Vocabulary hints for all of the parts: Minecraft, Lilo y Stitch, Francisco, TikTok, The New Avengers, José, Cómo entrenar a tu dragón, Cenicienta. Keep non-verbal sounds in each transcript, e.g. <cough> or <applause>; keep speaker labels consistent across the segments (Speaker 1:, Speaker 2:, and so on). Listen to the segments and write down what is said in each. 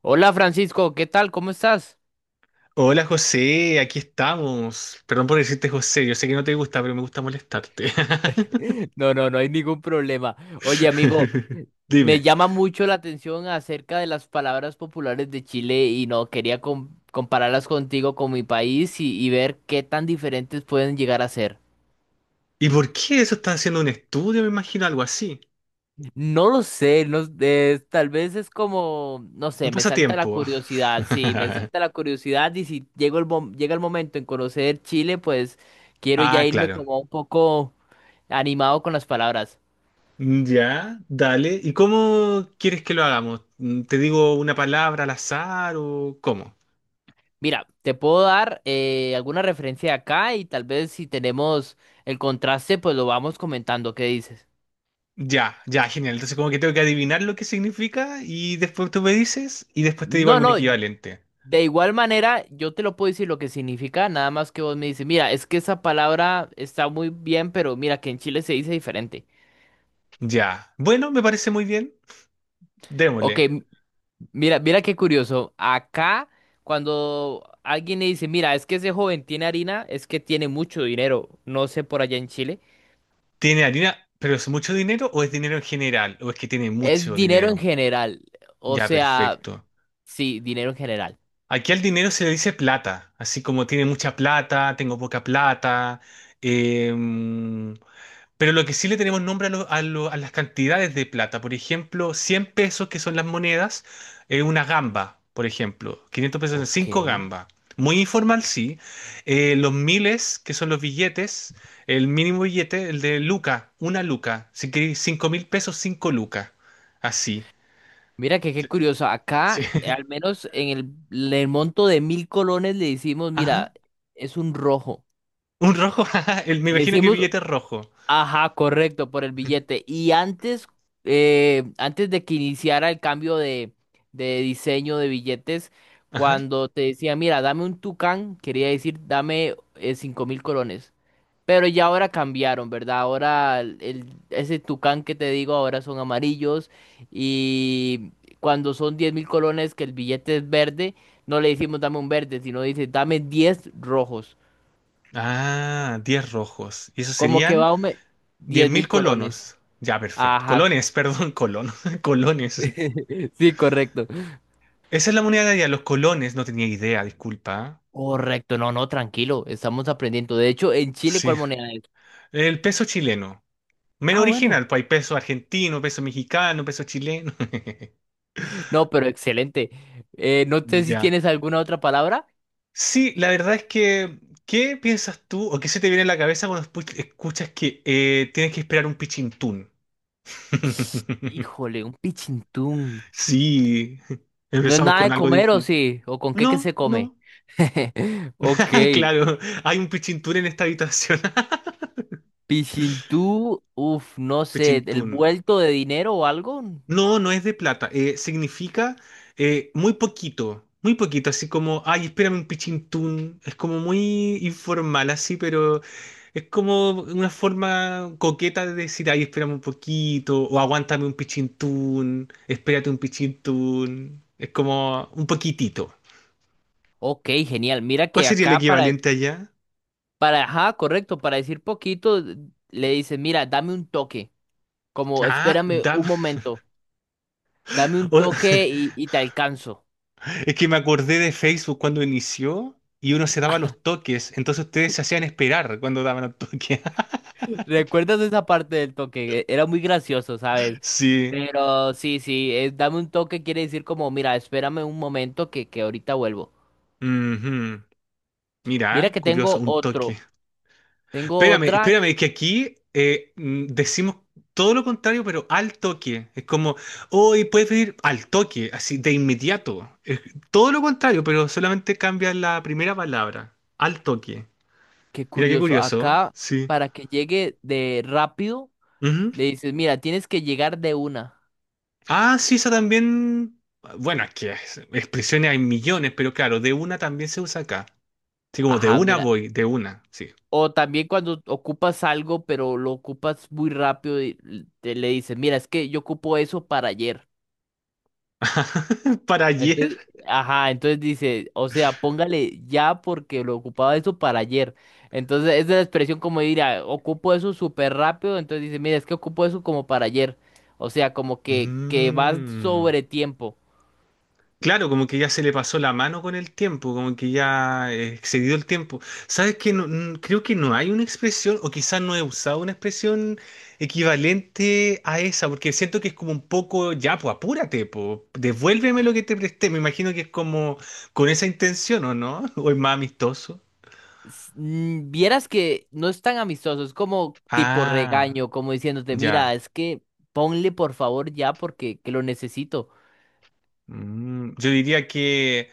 Speaker 1: Hola Francisco, ¿qué tal? ¿Cómo estás?
Speaker 2: Hola José, aquí estamos. Perdón por decirte José, yo sé que no te gusta, pero me gusta molestarte.
Speaker 1: <laughs> No, no, no hay ningún problema. Oye, amigo,
Speaker 2: <laughs>
Speaker 1: me
Speaker 2: Dime,
Speaker 1: llama mucho la atención acerca de las palabras populares de Chile y no quería compararlas contigo con mi país y ver qué tan diferentes pueden llegar a ser.
Speaker 2: ¿y por qué eso está haciendo un estudio? Me imagino algo así.
Speaker 1: No lo sé, no, tal vez es como, no
Speaker 2: Un
Speaker 1: sé, me salta la
Speaker 2: pasatiempo.
Speaker 1: curiosidad, sí, me salta la curiosidad y si llego el llega el momento en conocer Chile, pues quiero ya
Speaker 2: Ah,
Speaker 1: irme
Speaker 2: claro.
Speaker 1: como un poco animado con las palabras.
Speaker 2: Mm, ya, dale. ¿Y cómo quieres que lo hagamos? Mm, ¿te digo una palabra al azar o cómo?
Speaker 1: Mira, te puedo dar alguna referencia acá y tal vez si tenemos el contraste, pues lo vamos comentando. ¿Qué dices?
Speaker 2: Ya, ya, genial. Entonces como que tengo que adivinar lo que significa y después tú me dices y después te digo
Speaker 1: No,
Speaker 2: algún
Speaker 1: no,
Speaker 2: equivalente.
Speaker 1: de igual manera yo te lo puedo decir lo que significa, nada más que vos me dices, mira, es que esa palabra está muy bien, pero mira que en Chile se dice diferente.
Speaker 2: Ya. Bueno, me parece muy bien.
Speaker 1: Ok,
Speaker 2: Démosle.
Speaker 1: mira, mira qué curioso. Acá, cuando alguien le dice, mira, es que ese joven tiene harina, es que tiene mucho dinero, no sé por allá en Chile,
Speaker 2: Tiene harina, pero ¿es mucho dinero o es dinero en general? ¿O es que tiene
Speaker 1: es
Speaker 2: mucho
Speaker 1: dinero en
Speaker 2: dinero?
Speaker 1: general, o
Speaker 2: Ya,
Speaker 1: sea,
Speaker 2: perfecto.
Speaker 1: sí, dinero en general.
Speaker 2: Aquí al dinero se le dice plata, así como tiene mucha plata, tengo poca plata, em, pero lo que sí le tenemos nombre a, a las cantidades de plata, por ejemplo, 100 pesos que son las monedas, una gamba, por ejemplo, 500 pesos son
Speaker 1: Ok.
Speaker 2: 5 gambas. Muy informal, sí. Los miles, que son los billetes, el mínimo billete, el de luca, una luca. Si queréis 5.000 pesos, 5 lucas. Así.
Speaker 1: Mira que qué curioso.
Speaker 2: Sí.
Speaker 1: Acá, al
Speaker 2: <laughs>
Speaker 1: menos en el monto de 1.000 colones, le decimos, mira,
Speaker 2: Ajá.
Speaker 1: es un rojo.
Speaker 2: Un rojo, <laughs> ajá. Me
Speaker 1: Le
Speaker 2: imagino que el
Speaker 1: decimos,
Speaker 2: billete es rojo.
Speaker 1: ajá, correcto, por el billete. Y antes, antes de que iniciara el cambio de diseño de billetes,
Speaker 2: Ajá.
Speaker 1: cuando te decía, mira, dame un tucán, quería decir, dame 5.000 colones. Pero ya ahora cambiaron, ¿verdad? Ahora ese tucán que te digo ahora son amarillos y cuando son 10.000 colones que el billete es verde, no le decimos dame un verde, sino dice dame 10 rojos.
Speaker 2: Ah, 10 rojos. ¿Y esos
Speaker 1: Como que
Speaker 2: serían? diez
Speaker 1: 10
Speaker 2: mil
Speaker 1: mil colones.
Speaker 2: colonos. Ya, perfecto.
Speaker 1: Ajá,
Speaker 2: Colones, perdón, colonos. <laughs> Colones.
Speaker 1: <laughs> sí, correcto.
Speaker 2: Esa es la moneda de allá, los colones. No tenía idea, disculpa.
Speaker 1: Correcto, no, no, tranquilo, estamos aprendiendo. De hecho, en Chile,
Speaker 2: Sí.
Speaker 1: ¿cuál moneda es?
Speaker 2: El peso chileno. Menos
Speaker 1: Ah, bueno.
Speaker 2: original, pues hay peso argentino, peso mexicano, peso chileno. <laughs>
Speaker 1: No, pero excelente. No sé si
Speaker 2: Ya.
Speaker 1: tienes alguna otra palabra.
Speaker 2: Sí, la verdad es que, ¿qué piensas tú o qué se te viene a la cabeza cuando escuchas que tienes que esperar un pichintún? <laughs>
Speaker 1: Híjole, un pichintún.
Speaker 2: Sí,
Speaker 1: ¿No es
Speaker 2: empezamos
Speaker 1: nada
Speaker 2: con
Speaker 1: de
Speaker 2: algo
Speaker 1: comer o
Speaker 2: difícil.
Speaker 1: sí? ¿O con qué que se
Speaker 2: No,
Speaker 1: come?
Speaker 2: no.
Speaker 1: <laughs> Ok,
Speaker 2: <laughs> Claro, hay un pichintún en esta habitación. <laughs>
Speaker 1: Pichintú, uff, no sé, ¿el
Speaker 2: Pichintún.
Speaker 1: vuelto de dinero o algo?
Speaker 2: No, no es de plata. Significa muy poquito, muy poquito. Así como, ay, espérame un pichintún. Es como muy informal así, pero es como una forma coqueta de decir, ay, espérame un poquito. O aguántame un pichintún. Espérate un pichintún. Es como un poquitito.
Speaker 1: Ok, genial. Mira
Speaker 2: ¿Cuál
Speaker 1: que
Speaker 2: sería el
Speaker 1: acá
Speaker 2: equivalente allá?
Speaker 1: ajá, correcto, para decir poquito, le dices, mira, dame un toque, como
Speaker 2: Ah,
Speaker 1: espérame un
Speaker 2: dame.
Speaker 1: momento, dame
Speaker 2: <laughs>
Speaker 1: un
Speaker 2: o-
Speaker 1: toque y te alcanzo.
Speaker 2: Es que me acordé de Facebook cuando inició y uno se daba los toques, entonces ustedes se hacían esperar cuando daban los toques. <laughs>
Speaker 1: <laughs> ¿Recuerdas esa parte del toque? Era muy gracioso, ¿sabes?
Speaker 2: Sí.
Speaker 1: Pero sí, sí, dame un toque quiere decir como, mira, espérame un momento que ahorita vuelvo.
Speaker 2: Ujú.
Speaker 1: Mira
Speaker 2: Mira,
Speaker 1: que
Speaker 2: curioso,
Speaker 1: tengo
Speaker 2: un toque.
Speaker 1: otro, tengo
Speaker 2: Espérame,
Speaker 1: otra
Speaker 2: espérame, que aquí decimos todo lo contrario, pero al toque. Es como, hoy puedes pedir al toque, así de inmediato. Es todo lo contrario, pero solamente cambia la primera palabra, al toque.
Speaker 1: que
Speaker 2: Mira qué
Speaker 1: curioso,
Speaker 2: curioso, ¿eh?
Speaker 1: acá
Speaker 2: Sí.
Speaker 1: para que llegue de rápido,
Speaker 2: Ujú.
Speaker 1: le dices, mira, tienes que llegar de una.
Speaker 2: Ah, sí, esa también. Bueno, es que expresiones hay millones, pero claro, de una también se usa acá. Sí, como de
Speaker 1: Ajá,
Speaker 2: una
Speaker 1: mira.
Speaker 2: voy, de una, sí.
Speaker 1: O también cuando ocupas algo, pero lo ocupas muy rápido y le dices, mira, es que yo ocupo eso para ayer.
Speaker 2: <laughs> ¿Para ayer?
Speaker 1: Entonces, ajá, entonces dice, o sea, póngale ya porque lo ocupaba eso para ayer. Entonces, esa es la expresión como de dirá, ocupo eso súper rápido. Entonces dice, mira, es que ocupo eso como para ayer. O sea, como que va
Speaker 2: Mmm.
Speaker 1: sobre tiempo.
Speaker 2: Claro, como que ya se le pasó la mano con el tiempo, como que ya excedió el tiempo. ¿Sabes qué? Creo que no hay una expresión, o quizás no he usado una expresión equivalente a esa, porque siento que es como un poco, ya, pues apúrate, pues, devuélveme lo que te presté. Me imagino que es como con esa intención, ¿o no? <laughs> ¿O es más amistoso?
Speaker 1: Vieras que no es tan amistoso, es como tipo
Speaker 2: Ah,
Speaker 1: regaño, como diciéndote, mira,
Speaker 2: ya.
Speaker 1: es que ponle por favor ya porque que lo necesito.
Speaker 2: Mm, yo diría que...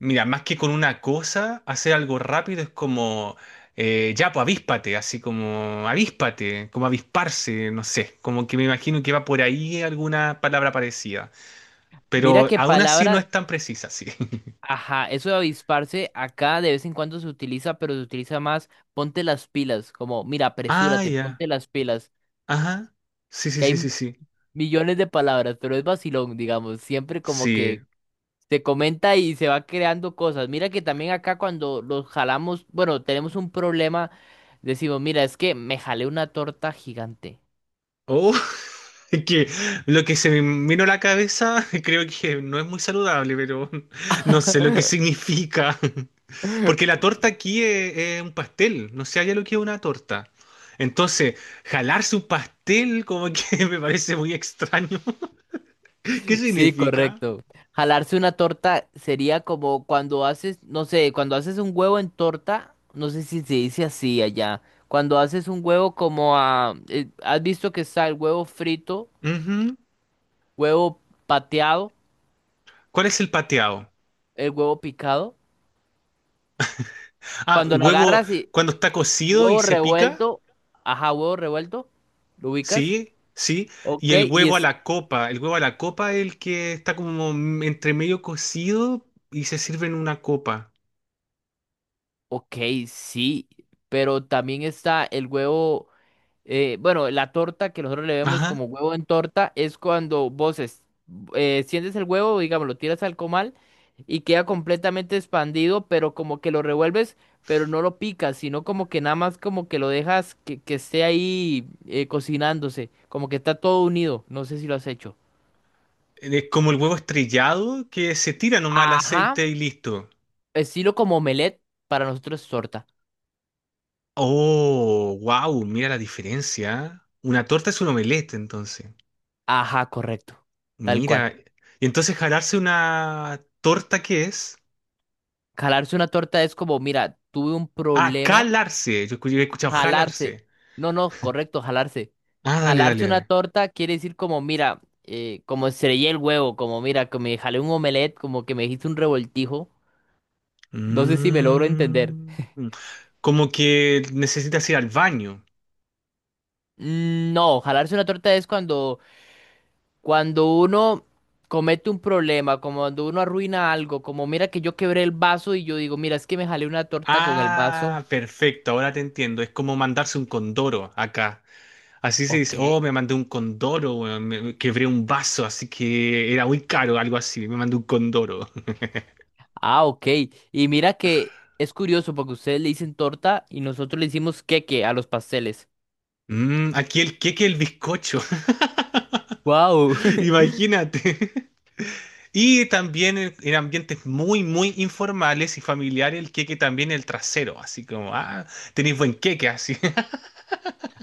Speaker 2: Mira, más que con una cosa, hacer algo rápido es como, ya, pues avíspate, así como avíspate, como avisparse, no sé, como que me imagino que va por ahí alguna palabra parecida,
Speaker 1: Mira
Speaker 2: pero
Speaker 1: qué
Speaker 2: aún así no
Speaker 1: palabra.
Speaker 2: es tan precisa, sí. <laughs>
Speaker 1: Ajá, eso de avisparse acá de vez en cuando se utiliza, pero se utiliza más ponte las pilas, como mira,
Speaker 2: Ah,
Speaker 1: apresúrate,
Speaker 2: ya,
Speaker 1: ponte las pilas,
Speaker 2: ajá, sí, sí,
Speaker 1: que
Speaker 2: sí, sí,
Speaker 1: hay
Speaker 2: sí,
Speaker 1: millones de palabras, pero es vacilón, digamos, siempre como
Speaker 2: sí.
Speaker 1: que se comenta y se va creando cosas. Mira que también acá cuando los jalamos, bueno, tenemos un problema, decimos, mira, es que me jalé una torta gigante.
Speaker 2: Oh, <laughs> es que lo que se me vino a la cabeza <laughs> creo que no es muy saludable, pero <laughs> no sé lo que significa. <laughs> Porque la torta aquí es un pastel, no sé allá lo que es una torta. Entonces, jalarse un pastel como que <laughs> me parece muy extraño. <laughs> ¿Qué
Speaker 1: Sí,
Speaker 2: significa?
Speaker 1: correcto. Jalarse una torta sería como cuando haces, no sé, cuando haces un huevo en torta, no sé si se dice así allá. Cuando haces un huevo como ¿has visto que está el huevo frito,
Speaker 2: Ujú.
Speaker 1: huevo pateado,
Speaker 2: ¿Cuál es el pateado?
Speaker 1: el huevo picado?
Speaker 2: Ah, el
Speaker 1: Cuando lo
Speaker 2: huevo
Speaker 1: agarras y
Speaker 2: cuando está cocido y
Speaker 1: huevo
Speaker 2: se pica,
Speaker 1: revuelto, ajá, huevo revuelto, ¿lo ubicas?
Speaker 2: sí, sí. Y
Speaker 1: Ok,
Speaker 2: el huevo a la copa, el huevo a la copa es el que está como entre medio cocido y se sirve en una copa.
Speaker 1: ok, sí, pero también está el huevo. Bueno, la torta que nosotros le vemos como
Speaker 2: Ajá.
Speaker 1: huevo en torta es cuando vos sientes el huevo, digamos, lo tiras al comal y queda completamente expandido, pero como que lo revuelves, pero no lo picas, sino como que nada más como que lo dejas que esté ahí cocinándose, como que está todo unido. No sé si lo has hecho.
Speaker 2: Es como el huevo estrellado que se tira nomás al
Speaker 1: Ajá,
Speaker 2: aceite y listo.
Speaker 1: estilo como omelette, para nosotros es torta.
Speaker 2: Oh, wow, mira la diferencia, ¿eh? Una torta es un omelette, entonces.
Speaker 1: Ajá, correcto, tal cual.
Speaker 2: Mira. Y entonces jalarse una torta, ¿qué es?
Speaker 1: Calarse una torta es como, mira, tuve un
Speaker 2: Ah,
Speaker 1: problema.
Speaker 2: calarse. Yo he escuchado
Speaker 1: Jalarse.
Speaker 2: jalarse.
Speaker 1: No, no, correcto, jalarse.
Speaker 2: Ah, dale, dale,
Speaker 1: Jalarse una
Speaker 2: dale.
Speaker 1: torta quiere decir como, mira, como estrellé el huevo, como, mira, que me jalé un omelette, como que me hice un revoltijo. No sé si me logro entender.
Speaker 2: Mm. Como que necesitas ir al baño.
Speaker 1: Mm, no, jalarse una torta es cuando, uno comete un problema, como cuando uno arruina algo, como, mira, que yo quebré el vaso y yo digo, mira, es que me jalé una torta con el vaso.
Speaker 2: Ah, perfecto, ahora te entiendo. Es como mandarse un condoro acá. Así se dice, oh,
Speaker 1: Ok.
Speaker 2: me mandé un condoro, weón, me quebré un vaso, así que era muy caro, algo así. Me mandé un condoro.
Speaker 1: Ah, ok. Y mira que es curioso porque ustedes le dicen torta y nosotros le decimos queque a los pasteles.
Speaker 2: Mm, aquí el queque, el bizcocho, <laughs>
Speaker 1: Wow. <laughs>
Speaker 2: imagínate. Y también en ambientes muy, muy informales y familiares, el queque también el trasero, así como, ah, tenéis buen queque, así.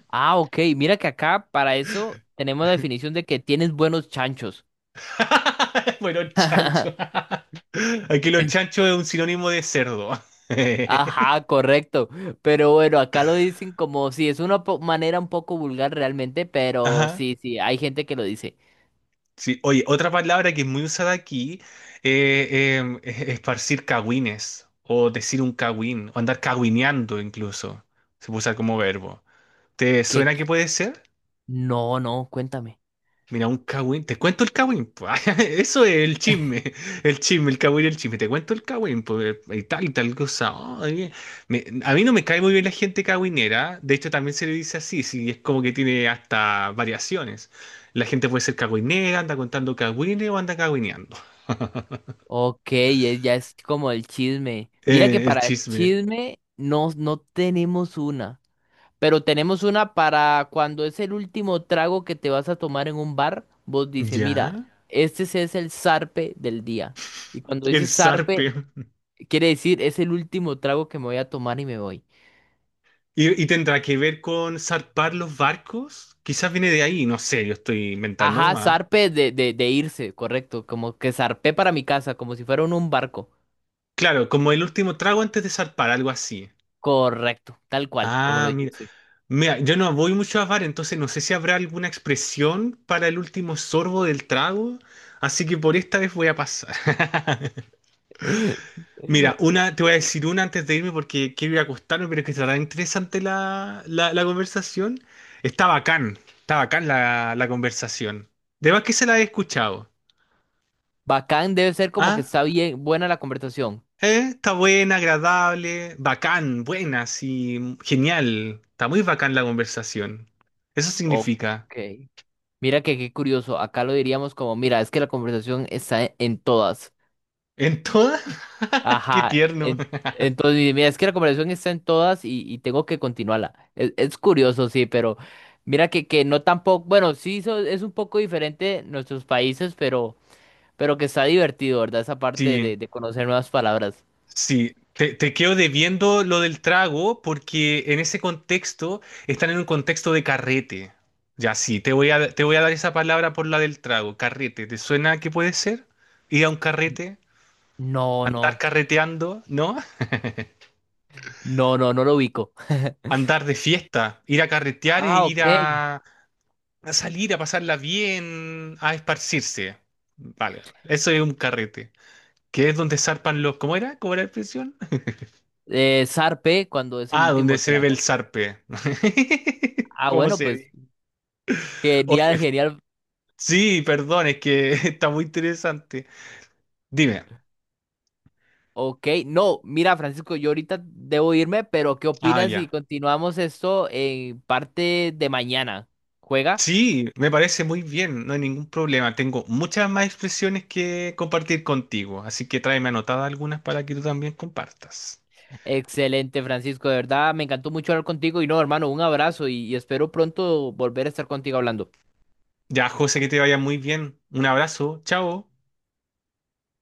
Speaker 1: Ah, ok. Mira que acá para eso tenemos la definición de que tienes buenos chanchos.
Speaker 2: <laughs> Bueno, chancho.
Speaker 1: <laughs>
Speaker 2: <laughs> Aquí los chanchos es un sinónimo de cerdo. <laughs>
Speaker 1: Ajá, correcto. Pero bueno, acá lo dicen como si es una manera un poco vulgar realmente, pero
Speaker 2: Ajá.
Speaker 1: sí, sí, hay gente que lo dice.
Speaker 2: Sí, oye, otra palabra que es muy usada aquí es esparcir cagüines o decir un cagüín o andar cagüineando incluso. Se puede usar como verbo. ¿Te
Speaker 1: ¿Qué?
Speaker 2: suena que puede ser?
Speaker 1: No, no, cuéntame.
Speaker 2: Mira, un cagüín. ¿Te cuento el cagüín, po? <laughs> Eso es el chisme. El chisme, el cagüín y el chisme. ¿Te cuento el cagüín, pues? Y tal cosa. Ay, a mí no me cae muy bien la gente cagüinera. De hecho, también se le dice así. Sí, es como que tiene hasta variaciones. La gente puede ser cagüinera, anda contando cagüines o anda cagüineando. <laughs>
Speaker 1: Ok, ya es como el chisme. Mira que
Speaker 2: El
Speaker 1: para
Speaker 2: chisme.
Speaker 1: chisme no tenemos una. Pero tenemos una para cuando es el último trago que te vas a tomar en un bar, vos dices, mira,
Speaker 2: ¿Ya?
Speaker 1: este sí es el zarpe del día. Y cuando
Speaker 2: El
Speaker 1: dices zarpe,
Speaker 2: zarpe.
Speaker 1: quiere decir es el último trago que me voy a tomar y me voy.
Speaker 2: ¿Y tendrá que ver con zarpar los barcos? Quizás viene de ahí. No sé, yo estoy inventando
Speaker 1: Ajá,
Speaker 2: nomás.
Speaker 1: zarpe de irse, correcto. Como que zarpé para mi casa, como si fuera en un barco.
Speaker 2: Claro, como el último trago antes de zarpar, algo así.
Speaker 1: Correcto, tal cual, como lo
Speaker 2: Ah, mira.
Speaker 1: dijiste.
Speaker 2: Mira, yo no voy mucho a bar, entonces no sé si habrá alguna expresión para el último sorbo del trago, así que por esta vez voy a pasar. <laughs> Mira, una, te voy a decir una antes de irme porque quiero ir a acostarme, pero es que estará interesante la conversación. Está bacán la conversación. De más que se la he escuchado.
Speaker 1: Bacán debe ser como que
Speaker 2: Ah.
Speaker 1: está bien, buena la conversación.
Speaker 2: Está buena, agradable, bacán, buena, sí, genial. Está muy bacán la conversación. Eso
Speaker 1: Ok.
Speaker 2: significa.
Speaker 1: Mira que qué curioso. Acá lo diríamos como, mira, es que la conversación está en todas.
Speaker 2: En todas, <laughs> qué
Speaker 1: Ajá,
Speaker 2: tierno.
Speaker 1: entonces, mira, es que la conversación está en todas y tengo que continuarla. Es curioso, sí, pero mira que no tampoco, bueno, sí es un poco diferente nuestros países, pero que está divertido, ¿verdad? Esa parte de,
Speaker 2: Sí,
Speaker 1: de conocer nuevas palabras.
Speaker 2: sí. Te quedo debiendo lo del trago porque en ese contexto están en un contexto de carrete. Ya sí, te voy a dar esa palabra por la del trago, carrete. ¿Te suena que puede ser? Ir a un carrete,
Speaker 1: No,
Speaker 2: andar
Speaker 1: no,
Speaker 2: carreteando, ¿no?
Speaker 1: no, no, no lo ubico. <laughs>
Speaker 2: Andar de fiesta, ir a carretear e
Speaker 1: Ah,
Speaker 2: ir
Speaker 1: ok.
Speaker 2: a salir, a pasarla bien, a esparcirse. Vale, eso es un carrete. Que es donde zarpan los... ¿Cómo era? ¿Cómo era la expresión?
Speaker 1: Zarpe cuando es el
Speaker 2: Ah, donde
Speaker 1: último
Speaker 2: se ve el
Speaker 1: trago.
Speaker 2: zarpe. <laughs>
Speaker 1: Ah,
Speaker 2: ¿Cómo
Speaker 1: bueno,
Speaker 2: se
Speaker 1: pues
Speaker 2: dice?
Speaker 1: genial,
Speaker 2: Oye,
Speaker 1: genial.
Speaker 2: sí, perdón, es que <laughs> está muy interesante. Dime.
Speaker 1: Ok, no, mira, Francisco, yo ahorita debo irme, pero ¿qué
Speaker 2: Ah,
Speaker 1: opinas si
Speaker 2: ya.
Speaker 1: continuamos esto en parte de mañana? ¿Juega?
Speaker 2: Sí, me parece muy bien, no hay ningún problema. Tengo muchas más expresiones que compartir contigo, así que tráeme anotadas algunas para que tú también compartas.
Speaker 1: Excelente, Francisco, de verdad, me encantó mucho hablar contigo y no, hermano, un abrazo y espero pronto volver a estar contigo hablando.
Speaker 2: Ya, José, que te vaya muy bien. Un abrazo, chao.